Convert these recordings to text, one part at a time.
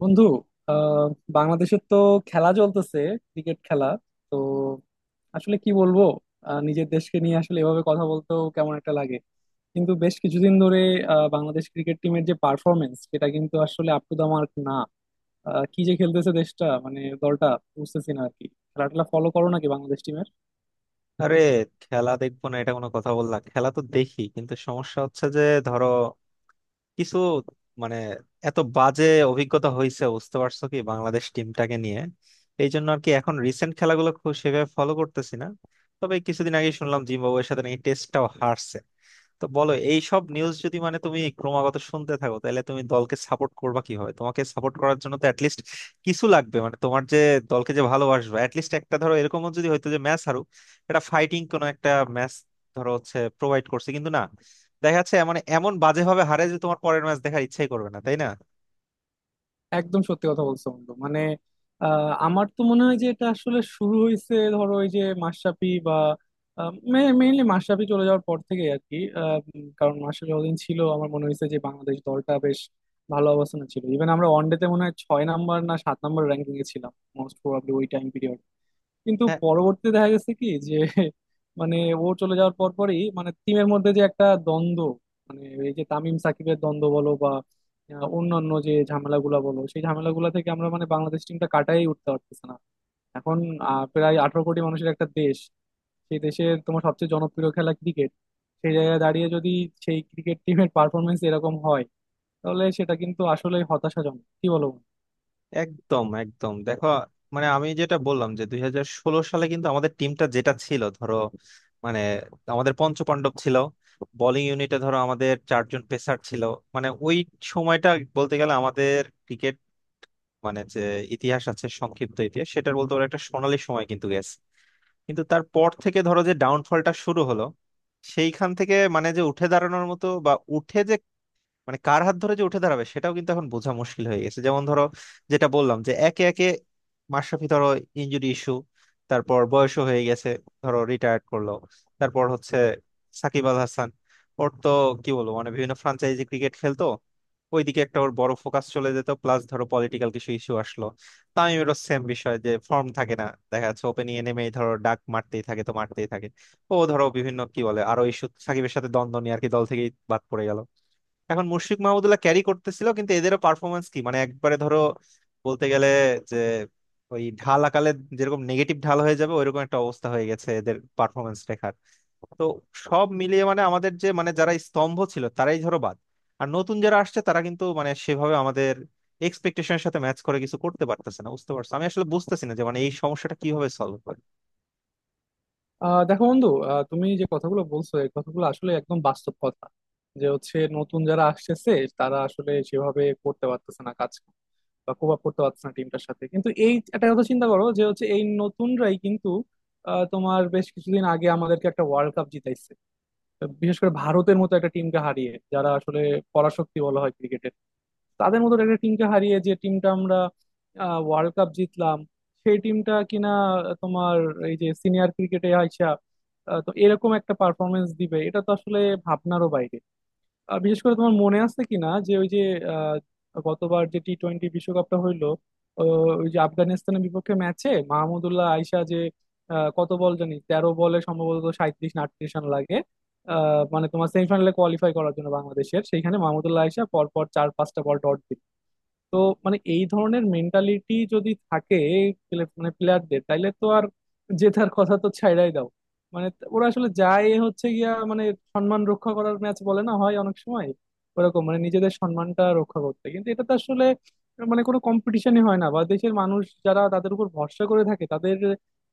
বন্ধু আহ বাংলাদেশের তো খেলা চলতেছে, ক্রিকেট খেলা। তো আসলে কি বলবো, নিজের দেশকে নিয়ে আসলে এভাবে কথা বলতেও কেমন একটা লাগে, কিন্তু বেশ কিছুদিন ধরে বাংলাদেশ ক্রিকেট টিমের যে পারফরমেন্স সেটা কিন্তু আসলে আপ টু দা মার্ক না। কি যে খেলতেছে দেশটা মানে দলটা, বুঝতেছি না আর কি। খেলাটা ফলো করো নাকি বাংলাদেশ টিমের? আরে, খেলা দেখবো না এটা কোনো কথা বললা? খেলা তো দেখি, কিন্তু সমস্যা হচ্ছে যে ধরো কিছু মানে এত বাজে অভিজ্ঞতা হয়েছে বুঝতে পারছো কি বাংলাদেশ টিমটাকে নিয়ে। এই জন্য আর কি এখন রিসেন্ট খেলাগুলো খুব সেভাবে ফলো করতেছি না। তবে কিছুদিন আগে শুনলাম জিম্বাবুয়ের সাথে নাকি টেস্টটাও হারছে। তো বলো, এই সব নিউজ যদি মানে তুমি ক্রমাগত শুনতে থাকো তাহলে তুমি দলকে সাপোর্ট করবা কিভাবে? তোমাকে সাপোর্ট করার জন্য তো অ্যাটলিস্ট কিছু লাগবে, মানে তোমার যে দলকে যে ভালোবাসবে অ্যাটলিস্ট একটা ধরো এরকমও যদি হয়তো যে ম্যাচ হারুক, এটা ফাইটিং কোনো একটা ম্যাচ ধরো হচ্ছে প্রোভাইড করছে। কিন্তু না, দেখা যাচ্ছে মানে এমন বাজে ভাবে হারে যে তোমার পরের ম্যাচ দেখার ইচ্ছাই করবে না, তাই না? একদম সত্যি কথা বলছো বন্ধু, মানে আমার তো মনে হয় যে এটা আসলে শুরু হয়েছে ধরো ওই যে মাশরাফি বা মেইনলি মাশরাফি চলে যাওয়ার পর থেকে আর কি। কারণ মাশরাফি যতদিন ছিল আমার মনে হয়েছে যে বাংলাদেশ দলটা বেশ ভালো অবস্থানে ছিল। ইভেন আমরা ওয়ানডেতে মনে হয় 6 নাম্বার না 7 নাম্বার র্যাঙ্কিং এ ছিলাম মোস্ট প্রবাবলি ওই টাইম পিরিয়ডে। কিন্তু হ্যাঁ? পরবর্তীতে দেখা গেছে কি যে মানে ও চলে যাওয়ার পর পরই মানে টিমের মধ্যে যে একটা দ্বন্দ্ব, মানে এই যে তামিম সাকিবের দ্বন্দ্ব বলো বা অন্যান্য যে ঝামেলাগুলা বলো, সেই ঝামেলাগুলা থেকে আমরা মানে বাংলাদেশ টিমটা কাটাই উঠতে পারতেছে না। এখন প্রায় 18 কোটি মানুষের একটা দেশ, সেই দেশের তোমার সবচেয়ে জনপ্রিয় খেলা ক্রিকেট, সেই জায়গায় দাঁড়িয়ে যদি সেই ক্রিকেট টিমের পারফরমেন্স এরকম হয় তাহলে সেটা কিন্তু আসলে হতাশাজনক, কি বলো? একদম একদম দেখো, মানে আমি যেটা বললাম যে 2016 সালে কিন্তু আমাদের টিমটা যেটা ছিল ধরো মানে আমাদের পঞ্চপাণ্ডব ছিল, বোলিং ইউনিটে ধরো আমাদের চারজন পেসার ছিল। মানে ওই সময়টা বলতে গেলে আমাদের ক্রিকেট মানে যে ইতিহাস আছে, সংক্ষিপ্ত ইতিহাস, সেটার বলতে পারো একটা সোনালী সময় কিন্তু গেছে। কিন্তু তারপর থেকে ধরো যে ডাউনফলটা শুরু হলো, সেইখান থেকে মানে যে উঠে দাঁড়ানোর মতো বা উঠে যে মানে কার হাত ধরে যে উঠে দাঁড়াবে সেটাও কিন্তু এখন বোঝা মুশকিল হয়ে গেছে। যেমন ধরো যেটা বললাম যে একে একে মাশরাফি ধরো ইনজুরি ইস্যু, তারপর বয়সও হয়ে গেছে, ধরো রিটায়ার্ড করলো। তারপর হচ্ছে সাকিব আল হাসান, ওর তো কি বলবো মানে বিভিন্ন ফ্রাঞ্চাইজি ক্রিকেট খেলতো, ওইদিকে একটা ওর বড় ফোকাস চলে যেত, প্লাস ধরো পলিটিক্যাল কিছু ইস্যু আসলো। তামিমেরও সেম বিষয় যে ফর্ম থাকে না, দেখা যাচ্ছে ওপেনিং এ নেমেই ধরো ডাক মারতেই থাকে তো মারতেই থাকে, ও ধরো বিভিন্ন কি বলে আরো ইস্যু সাকিবের সাথে দ্বন্দ্ব নিয়ে আর কি দল থেকেই বাদ পড়ে গেল। এখন মুশফিক মাহমুদুল্লাহ ক্যারি করতেছিল কিন্তু এদেরও পারফরমেন্স কি মানে একবারে ধরো বলতে গেলে যে ওই ঢাল আকালে যেরকম নেগেটিভ ঢাল হয়ে যাবে ওইরকম একটা অবস্থা হয়ে গেছে এদের পারফরমেন্স রেখার। তো সব মিলিয়ে মানে আমাদের যে মানে যারা স্তম্ভ ছিল তারাই ধরো বাদ, আর নতুন যারা আসছে তারা কিন্তু মানে সেভাবে আমাদের এক্সপেকটেশনের সাথে ম্যাচ করে কিছু করতে পারতেছে না। বুঝতে পারছো? আমি আসলে বুঝতেছি না যে মানে এই সমস্যাটা কিভাবে সলভ করে। দেখো বন্ধু, তুমি যে কথাগুলো বলছো এই কথাগুলো আসলে একদম বাস্তব কথা। যে হচ্ছে নতুন যারা আসতেছে তারা আসলে সেভাবে করতে পারতেছে না কাজ, বা কোপ আপ করতে পারতেছে না টিমটার সাথে। কিন্তু এই একটা কথা চিন্তা করো যে হচ্ছে এই নতুনরাই কিন্তু তোমার বেশ কিছুদিন আগে আমাদেরকে একটা ওয়ার্ল্ড কাপ জিতাইছে, বিশেষ করে ভারতের মতো একটা টিমকে হারিয়ে, যারা আসলে পরাশক্তি বলা হয় ক্রিকেট, তাদের মতো একটা টিমকে হারিয়ে যে টিমটা আমরা ওয়ার্ল্ড কাপ জিতলাম, সেই টিমটা কিনা তোমার এই যে সিনিয়র ক্রিকেটে আইসা তো এরকম একটা পারফরমেন্স দিবে এটা তো আসলে ভাবনারও বাইরে। বিশেষ করে তোমার মনে আছে কিনা যে ওই যে আহ, গতবার যে টি টোয়েন্টি বিশ্বকাপটা হইলো, ও, ওই যে আফগানিস্তানের বিপক্ষে ম্যাচে মাহমুদুল্লাহ আইসা যে কত বল জানি 13 বলে সম্ভবত 37 না 38 রান লাগে। মানে তোমার সেমিফাইনালে কোয়ালিফাই করার জন্য বাংলাদেশের, সেইখানে মাহমুদুল্লাহ আইসা পরপর 4-5টা বল ডট দিল। তো মানে এই ধরনের মেন্টালিটি যদি থাকে মানে প্লেয়ারদের, তাইলে তো আর জেতার কথা তো ছাইড়াই দাও। মানে ওরা আসলে যায় হচ্ছে গিয়া মানে সম্মান রক্ষা করার ম্যাচ বলে না হয় অনেক সময়, ওরকম মানে নিজেদের সম্মানটা রক্ষা করতে। কিন্তু এটা তো আসলে মানে কোনো কম্পিটিশনই হয় না বা দেশের মানুষ যারা তাদের উপর ভরসা করে থাকে তাদের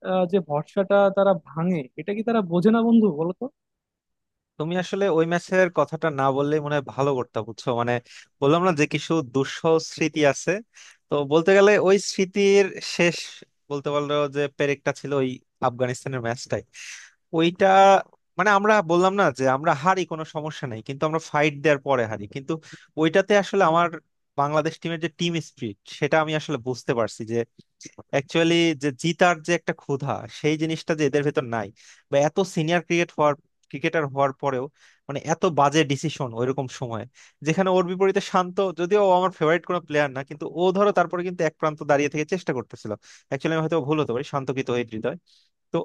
যে ভরসাটা তারা ভাঙে এটা কি তারা বোঝে না বন্ধু, বলো তো? তুমি আসলে ওই ম্যাচের কথাটা না বললেই মনে হয় ভালো করতে, বুঝছো? মানে বললাম না যে কিছু দুঃসহ স্মৃতি আছে, তো বলতে গেলে ওই স্মৃতির শেষ বলতে পারলো যে পেরেকটা ছিল ওই আফগানিস্তানের ম্যাচটাই। ওইটা মানে আমরা বললাম না যে আমরা হারি কোনো সমস্যা নাই, কিন্তু আমরা ফাইট দেওয়ার পরে হারি, কিন্তু ওইটাতে আসলে আমার বাংলাদেশ টিমের যে টিম স্পিরিট সেটা আমি আসলে বুঝতে পারছি যে অ্যাকচুয়ালি যে জিতার যে একটা ক্ষুধা সেই জিনিসটা যে এদের ভেতর নাই, বা এত সিনিয়র ক্রিকেট হওয়ার, ক্রিকেটার হওয়ার পরেও মানে এত বাজে ডিসিশন ওইরকম সময়ে, যেখানে ওর বিপরীতে শান্ত, যদিও ও আমার ফেভারিট কোনো প্লেয়ার না, কিন্তু ও ধরো তারপরে কিন্তু এক প্রান্ত দাঁড়িয়ে থেকে চেষ্টা করতেছিল। অ্যাকচুয়ালি আমি হয়তো ভুল হতে পারি, শান্ত কৃত হয়ে হৃদয়। তো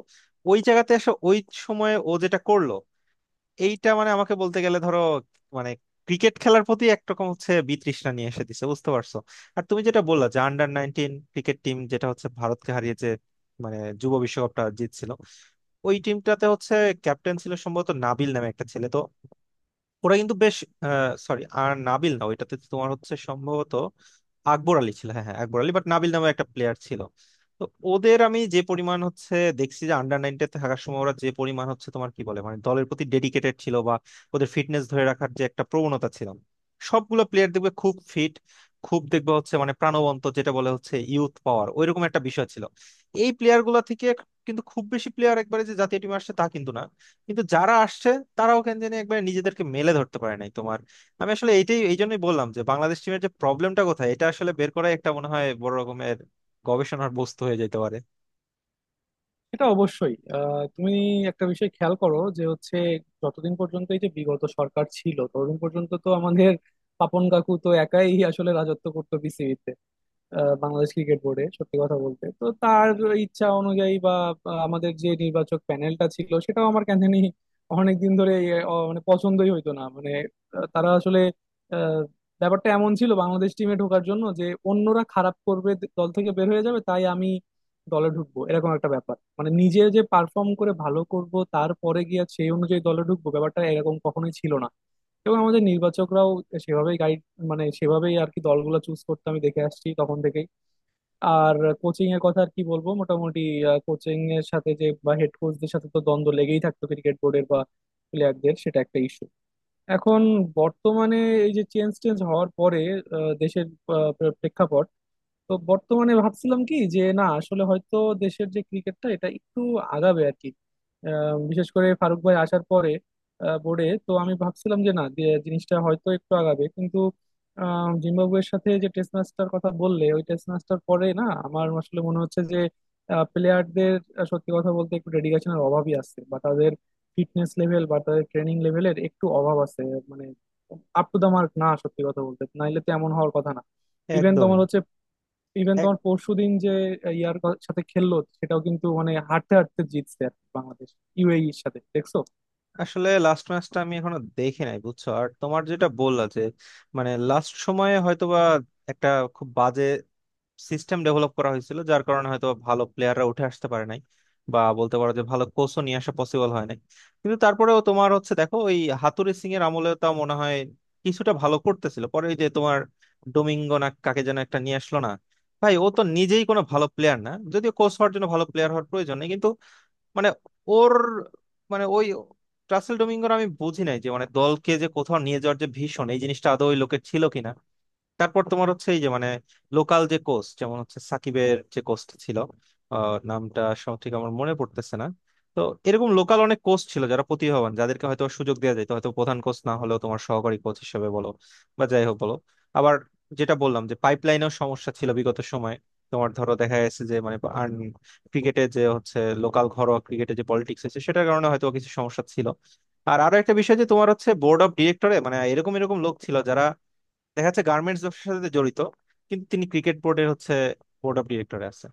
ওই জায়গাতে এসে ওই সময়ে ও যেটা করলো, এইটা মানে আমাকে বলতে গেলে ধরো মানে ক্রিকেট খেলার প্রতি একরকম হচ্ছে বিতৃষ্ণা নিয়ে এসে দিছে, বুঝতে পারছো? আর তুমি যেটা বললা যে আন্ডার-19 ক্রিকেট টিম যেটা হচ্ছে ভারতকে হারিয়ে যে মানে যুব বিশ্বকাপটা জিতছিল, ওই টিমটাতে হচ্ছে ক্যাপ্টেন ছিল সম্ভবত নাবিল নামে একটা ছেলে, তো ওরা কিন্তু বেশ, সরি আর নাবিল না, ওইটাতে তো তোমার হচ্ছে সম্ভবত আকবর আলী ছিল। হ্যাঁ হ্যাঁ আকবর আলী, বাট নাবিল নামে একটা প্লেয়ার ছিল। তো ওদের আমি যে পরিমাণ হচ্ছে দেখছি যে আন্ডার-19-তে থাকার সময়, ওরা যে পরিমাণ হচ্ছে তোমার কি বলে মানে দলের প্রতি ডেডিকেটেড ছিল বা ওদের ফিটনেস ধরে রাখার যে একটা প্রবণতা ছিল, সবগুলো প্লেয়ার দেখবে খুব ফিট, খুব দেখবে হচ্ছে মানে প্রাণবন্ত, যেটা বলে হচ্ছে ইউথ পাওয়ার ওইরকম একটা বিষয় ছিল এই প্লেয়ার গুলা থেকে। কিন্তু খুব বেশি প্লেয়ার একবারে যে জাতীয় টিমে আসছে তা কিন্তু না, কিন্তু যারা আসছে তারাও কেন জানি একবার নিজেদেরকে মেলে ধরতে পারে নাই তোমার। আমি আসলে এইটাই এই জন্যই বললাম যে বাংলাদেশ টিমের যে প্রবলেমটা কোথায় এটা আসলে বের করাই একটা মনে হয় বড় রকমের গবেষণার বস্তু হয়ে যেতে পারে। এটা অবশ্যই। তুমি একটা বিষয় খেয়াল করো যে হচ্ছে যতদিন পর্যন্ত এই যে বিগত সরকার ছিল ততদিন পর্যন্ত তো আমাদের পাপন কাকু তো একাই আসলে রাজত্ব করতো বিসিবিতে। বাংলাদেশ ক্রিকেট বোর্ডে সত্যি কথা বলতে তো তার ইচ্ছা অনুযায়ী বা বা আমাদের যে নির্বাচক প্যানেলটা ছিল সেটাও আমার কেন জানি অনেকদিন ধরে মানে পছন্দই হইতো না, মানে আহ, তারা আসলে আহ, ব্যাপারটা এমন ছিল বাংলাদেশ টিমে ঢোকার জন্য যে অন্যরা খারাপ করবে, দল থেকে বের হয়ে যাবে তাই আমি দলে ঢুকবো, এরকম একটা ব্যাপার। মানে নিজে যে পারফর্ম করে ভালো করব তারপরে গিয়ে সেই অনুযায়ী দলে ঢুকবো, ব্যাপারটা এরকম কখনোই ছিল না। এবং আমাদের নির্বাচকরাও সেভাবেই গাইড, মানে সেভাবেই আর কি দলগুলো চুজ করতে আমি দেখে আসছি তখন থেকেই। আর কোচিং এর কথা আর কি বলবো, মোটামুটি কোচিং এর সাথে যে বা হেড কোচদের সাথে তো দ্বন্দ্ব লেগেই থাকতো ক্রিকেট বোর্ডের বা প্লেয়ারদের, সেটা একটা ইস্যু। এখন বর্তমানে এই যে চেঞ্জ টেঞ্জ হওয়ার পরে আহ, দেশের আহ, প্রেক্ষাপট, তো বর্তমানে ভাবছিলাম কি যে না আসলে হয়তো দেশের যে ক্রিকেটটা এটা একটু আগাবে আর কি। বিশেষ করে ফারুক ভাই আসার পরে বোর্ডে তো আমি ভাবছিলাম যে না যে জিনিসটা হয়তো একটু আগাবে, কিন্তু জিম্বাবুয়ের সাথে যে টেস্ট ম্যাচটার কথা বললে ওই টেস্ট ম্যাচটার পরে না আমার আসলে মনে হচ্ছে যে প্লেয়ারদের সত্যি কথা বলতে একটু ডেডিকেশনের অভাবই আছে, বা তাদের ফিটনেস লেভেল বা তাদের ট্রেনিং লেভেলের একটু অভাব আছে, মানে আপ টু দা মার্ক না সত্যি কথা বলতে, নাইলে তো এমন হওয়ার কথা না। ইভেন একদমই। তোমার হচ্ছে ইভেন এক তোমার পরশুদিন যে ইয়ার সাথে খেললো সেটাও কিন্তু মানে হাঁটতে হাঁটতে জিতছে আর কি বাংলাদেশ, ইউএই এর সাথে দেখছো। আসলে লাস্ট ম্যাচটা আমি এখনো দেখি নাই, বুঝছো? আর তোমার যেটা বললা যে মানে লাস্ট সময়ে হয়তোবা একটা খুব বাজে সিস্টেম ডেভেলপ করা হয়েছিল যার কারণে হয়তো ভালো প্লেয়াররা উঠে আসতে পারে নাই, বা বলতে পারো যে ভালো কোচও নিয়ে আসা পসিবল হয় নাই। কিন্তু তারপরেও তোমার হচ্ছে দেখো ওই হাতুড়ি সিং এর আমলে তা মনে হয় কিছুটা ভালো করতেছিল, পরে ওই যে তোমার ডোমিঙ্গো না কাকে যেন একটা নিয়ে আসলো না ভাই, ও তো নিজেই কোনো ভালো প্লেয়ার না, যদিও কোচ হওয়ার জন্য ভালো প্লেয়ার হওয়ার প্রয়োজন নেই, কিন্তু মানে ওর মানে ওই রাসেল ডোমিঙ্গোর আমি বুঝি নাই যে মানে দলকে যে কোথাও নিয়ে যাওয়ার যে ভীষণ এই জিনিসটা আদৌ ওই লোকের ছিল কিনা। তারপর তোমার হচ্ছে এই যে মানে লোকাল যে কোচ যেমন হচ্ছে সাকিবের যে কোচটা ছিল, নামটা সঠিক আমার মনে পড়তেছে না। তো এরকম লোকাল অনেক কোচ ছিল যারা প্রতিভাবান, যাদেরকে হয়তো সুযোগ দেওয়া যেত, হয়তো প্রধান কোচ না হলেও তোমার সহকারী কোচ হিসেবে বলো বা যাই হোক বলো। আবার যেটা বললাম যে পাইপলাইনেও সমস্যা ছিল বিগত সময়ে, তোমার ধরো দেখা গেছে যে মানে ক্রিকেটে যে হচ্ছে লোকাল ঘরোয়া ক্রিকেটে যে পলিটিক্স আছে সেটার কারণে হয়তো কিছু সমস্যা ছিল। আর আরো একটা বিষয় যে তোমার হচ্ছে বোর্ড অফ ডিরেক্টরে মানে এরকম এরকম লোক ছিল যারা দেখা যাচ্ছে গার্মেন্টস ব্যবসার সাথে জড়িত, কিন্তু তিনি ক্রিকেট বোর্ডের হচ্ছে বোর্ড অফ ডিরেক্টরে আছে।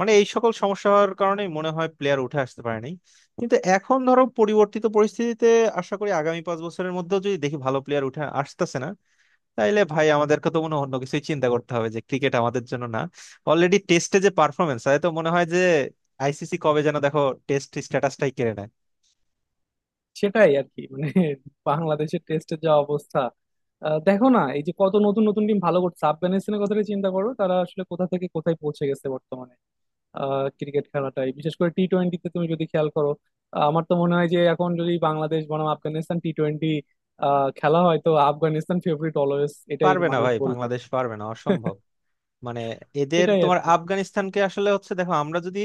মানে এই সকল সমস্যার কারণে মনে হয় প্লেয়ার উঠে আসতে পারে নাই। কিন্তু এখন ধরো পরিবর্তিত পরিস্থিতিতে আশা করি আগামী 5 বছরের মধ্যেও যদি দেখি ভালো প্লেয়ার উঠে আসতেছে না, তাইলে ভাই আমাদেরকে তো মনে হয় অন্য কিছুই চিন্তা করতে হবে যে ক্রিকেট আমাদের জন্য না। অলরেডি টেস্টে যে পারফরমেন্স, তাই তো মনে হয় যে আইসিসি কবে যেন দেখো টেস্ট স্ট্যাটাসটাই কেড়ে নেয়। সেটাই আর কি মানে বাংলাদেশের টেস্টের যা অবস্থা। দেখো না এই যে কত নতুন নতুন টিম ভালো করছে, আফগানিস্তানের কথাটা চিন্তা করো, তারা আসলে কোথা থেকে কোথায় পৌঁছে গেছে বর্তমানে। ক্রিকেট খেলাটাই বিশেষ করে টি টোয়েন্টিতে তুমি যদি খেয়াল করো, আমার তো মনে হয় যে এখন যদি বাংলাদেশ বনাম আফগানিস্তান টি টোয়েন্টি খেলা হয় তো আফগানিস্তান ফেভারিট অলওয়েজ, এটাই পারবে না মানুষ ভাই, বলবে। বাংলাদেশ পারবে না, অসম্ভব। মানে এদের এটাই আর তোমার কি। আফগানিস্তানকে আসলে হচ্ছে দেখো, আমরা যদি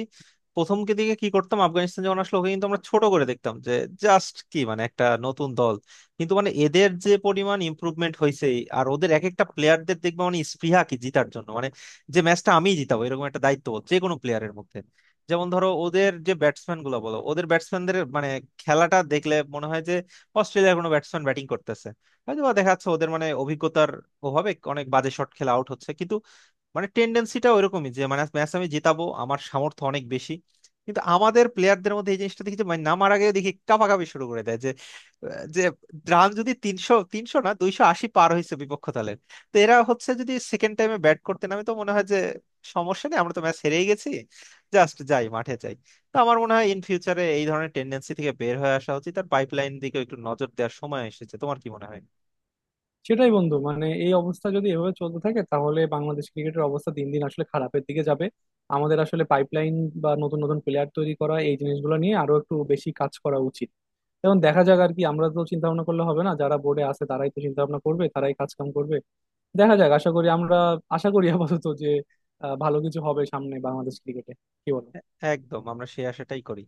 প্রথম কি দিকে কি করতাম, আফগানিস্তান যখন আসলো ওকে কিন্তু আমরা ছোট করে দেখতাম যে জাস্ট কি মানে একটা নতুন দল। কিন্তু মানে এদের যে পরিমাণ ইমপ্রুভমেন্ট হয়েছে, আর ওদের এক একটা প্লেয়ারদের দেখবে মানে স্পৃহা কি জিতার জন্য, মানে যে ম্যাচটা আমিই জিতাবো এরকম একটা দায়িত্ব যে কোনো প্লেয়ারের মধ্যে। যেমন ধরো ওদের যে ব্যাটসম্যান গুলো বলো, ওদের ব্যাটসম্যানদের মানে খেলাটা দেখলে মনে হয় যে অস্ট্রেলিয়ার কোনো ব্যাটসম্যান ব্যাটিং করতেছে। হয়তো বা দেখা যাচ্ছে ওদের মানে অভিজ্ঞতার অভাবে অনেক বাজে শট খেলে আউট হচ্ছে, মানে টেন্ডেন্সিটা ওইরকমই যে মানে ম্যাচ আমি জেতাবো, আমার সামর্থ্য অনেক বেশি। কিন্তু আমাদের প্লেয়ারদের মধ্যে এই জিনিসটা দেখি যে মানে নামার আগে দেখি কাঁপাকাঁপি শুরু করে দেয় যে যে রান যদি 300 300 না 280 পার হয়েছে বিপক্ষ দলের, তো এরা হচ্ছে যদি সেকেন্ড টাইমে ব্যাট করতে নামে তো মনে হয় যে সমস্যা নেই আমরা তো ম্যাচ হেরেই গেছি, জাস্ট যাই মাঠে যাই। তো আমার মনে হয় ইন ফিউচারে এই ধরনের টেন্ডেন্সি থেকে বের হয়ে আসা উচিত, আর পাইপলাইন দিকে একটু নজর দেওয়ার সময় এসেছে। তোমার কি মনে হয়? সেটাই বন্ধু, মানে এই অবস্থা যদি এভাবে চলতে থাকে তাহলে বাংলাদেশ ক্রিকেটের অবস্থা দিন দিন আসলে খারাপের দিকে যাবে। আমাদের আসলে পাইপলাইন বা নতুন নতুন প্লেয়ার তৈরি করা এই জিনিসগুলো নিয়ে আরো একটু বেশি কাজ করা উচিত। এখন দেখা যাক আর কি, আমরা তো চিন্তা ভাবনা করলে হবে না, যারা বোর্ডে আছে তারাই তো চিন্তা ভাবনা করবে, তারাই কাজ কাম করবে। দেখা যাক, আশা করি আমরা, আশা করি আপাতত যে ভালো কিছু হবে সামনে বাংলাদেশ ক্রিকেটে, কি বল? একদম, আমরা সেই আশাটাই করি।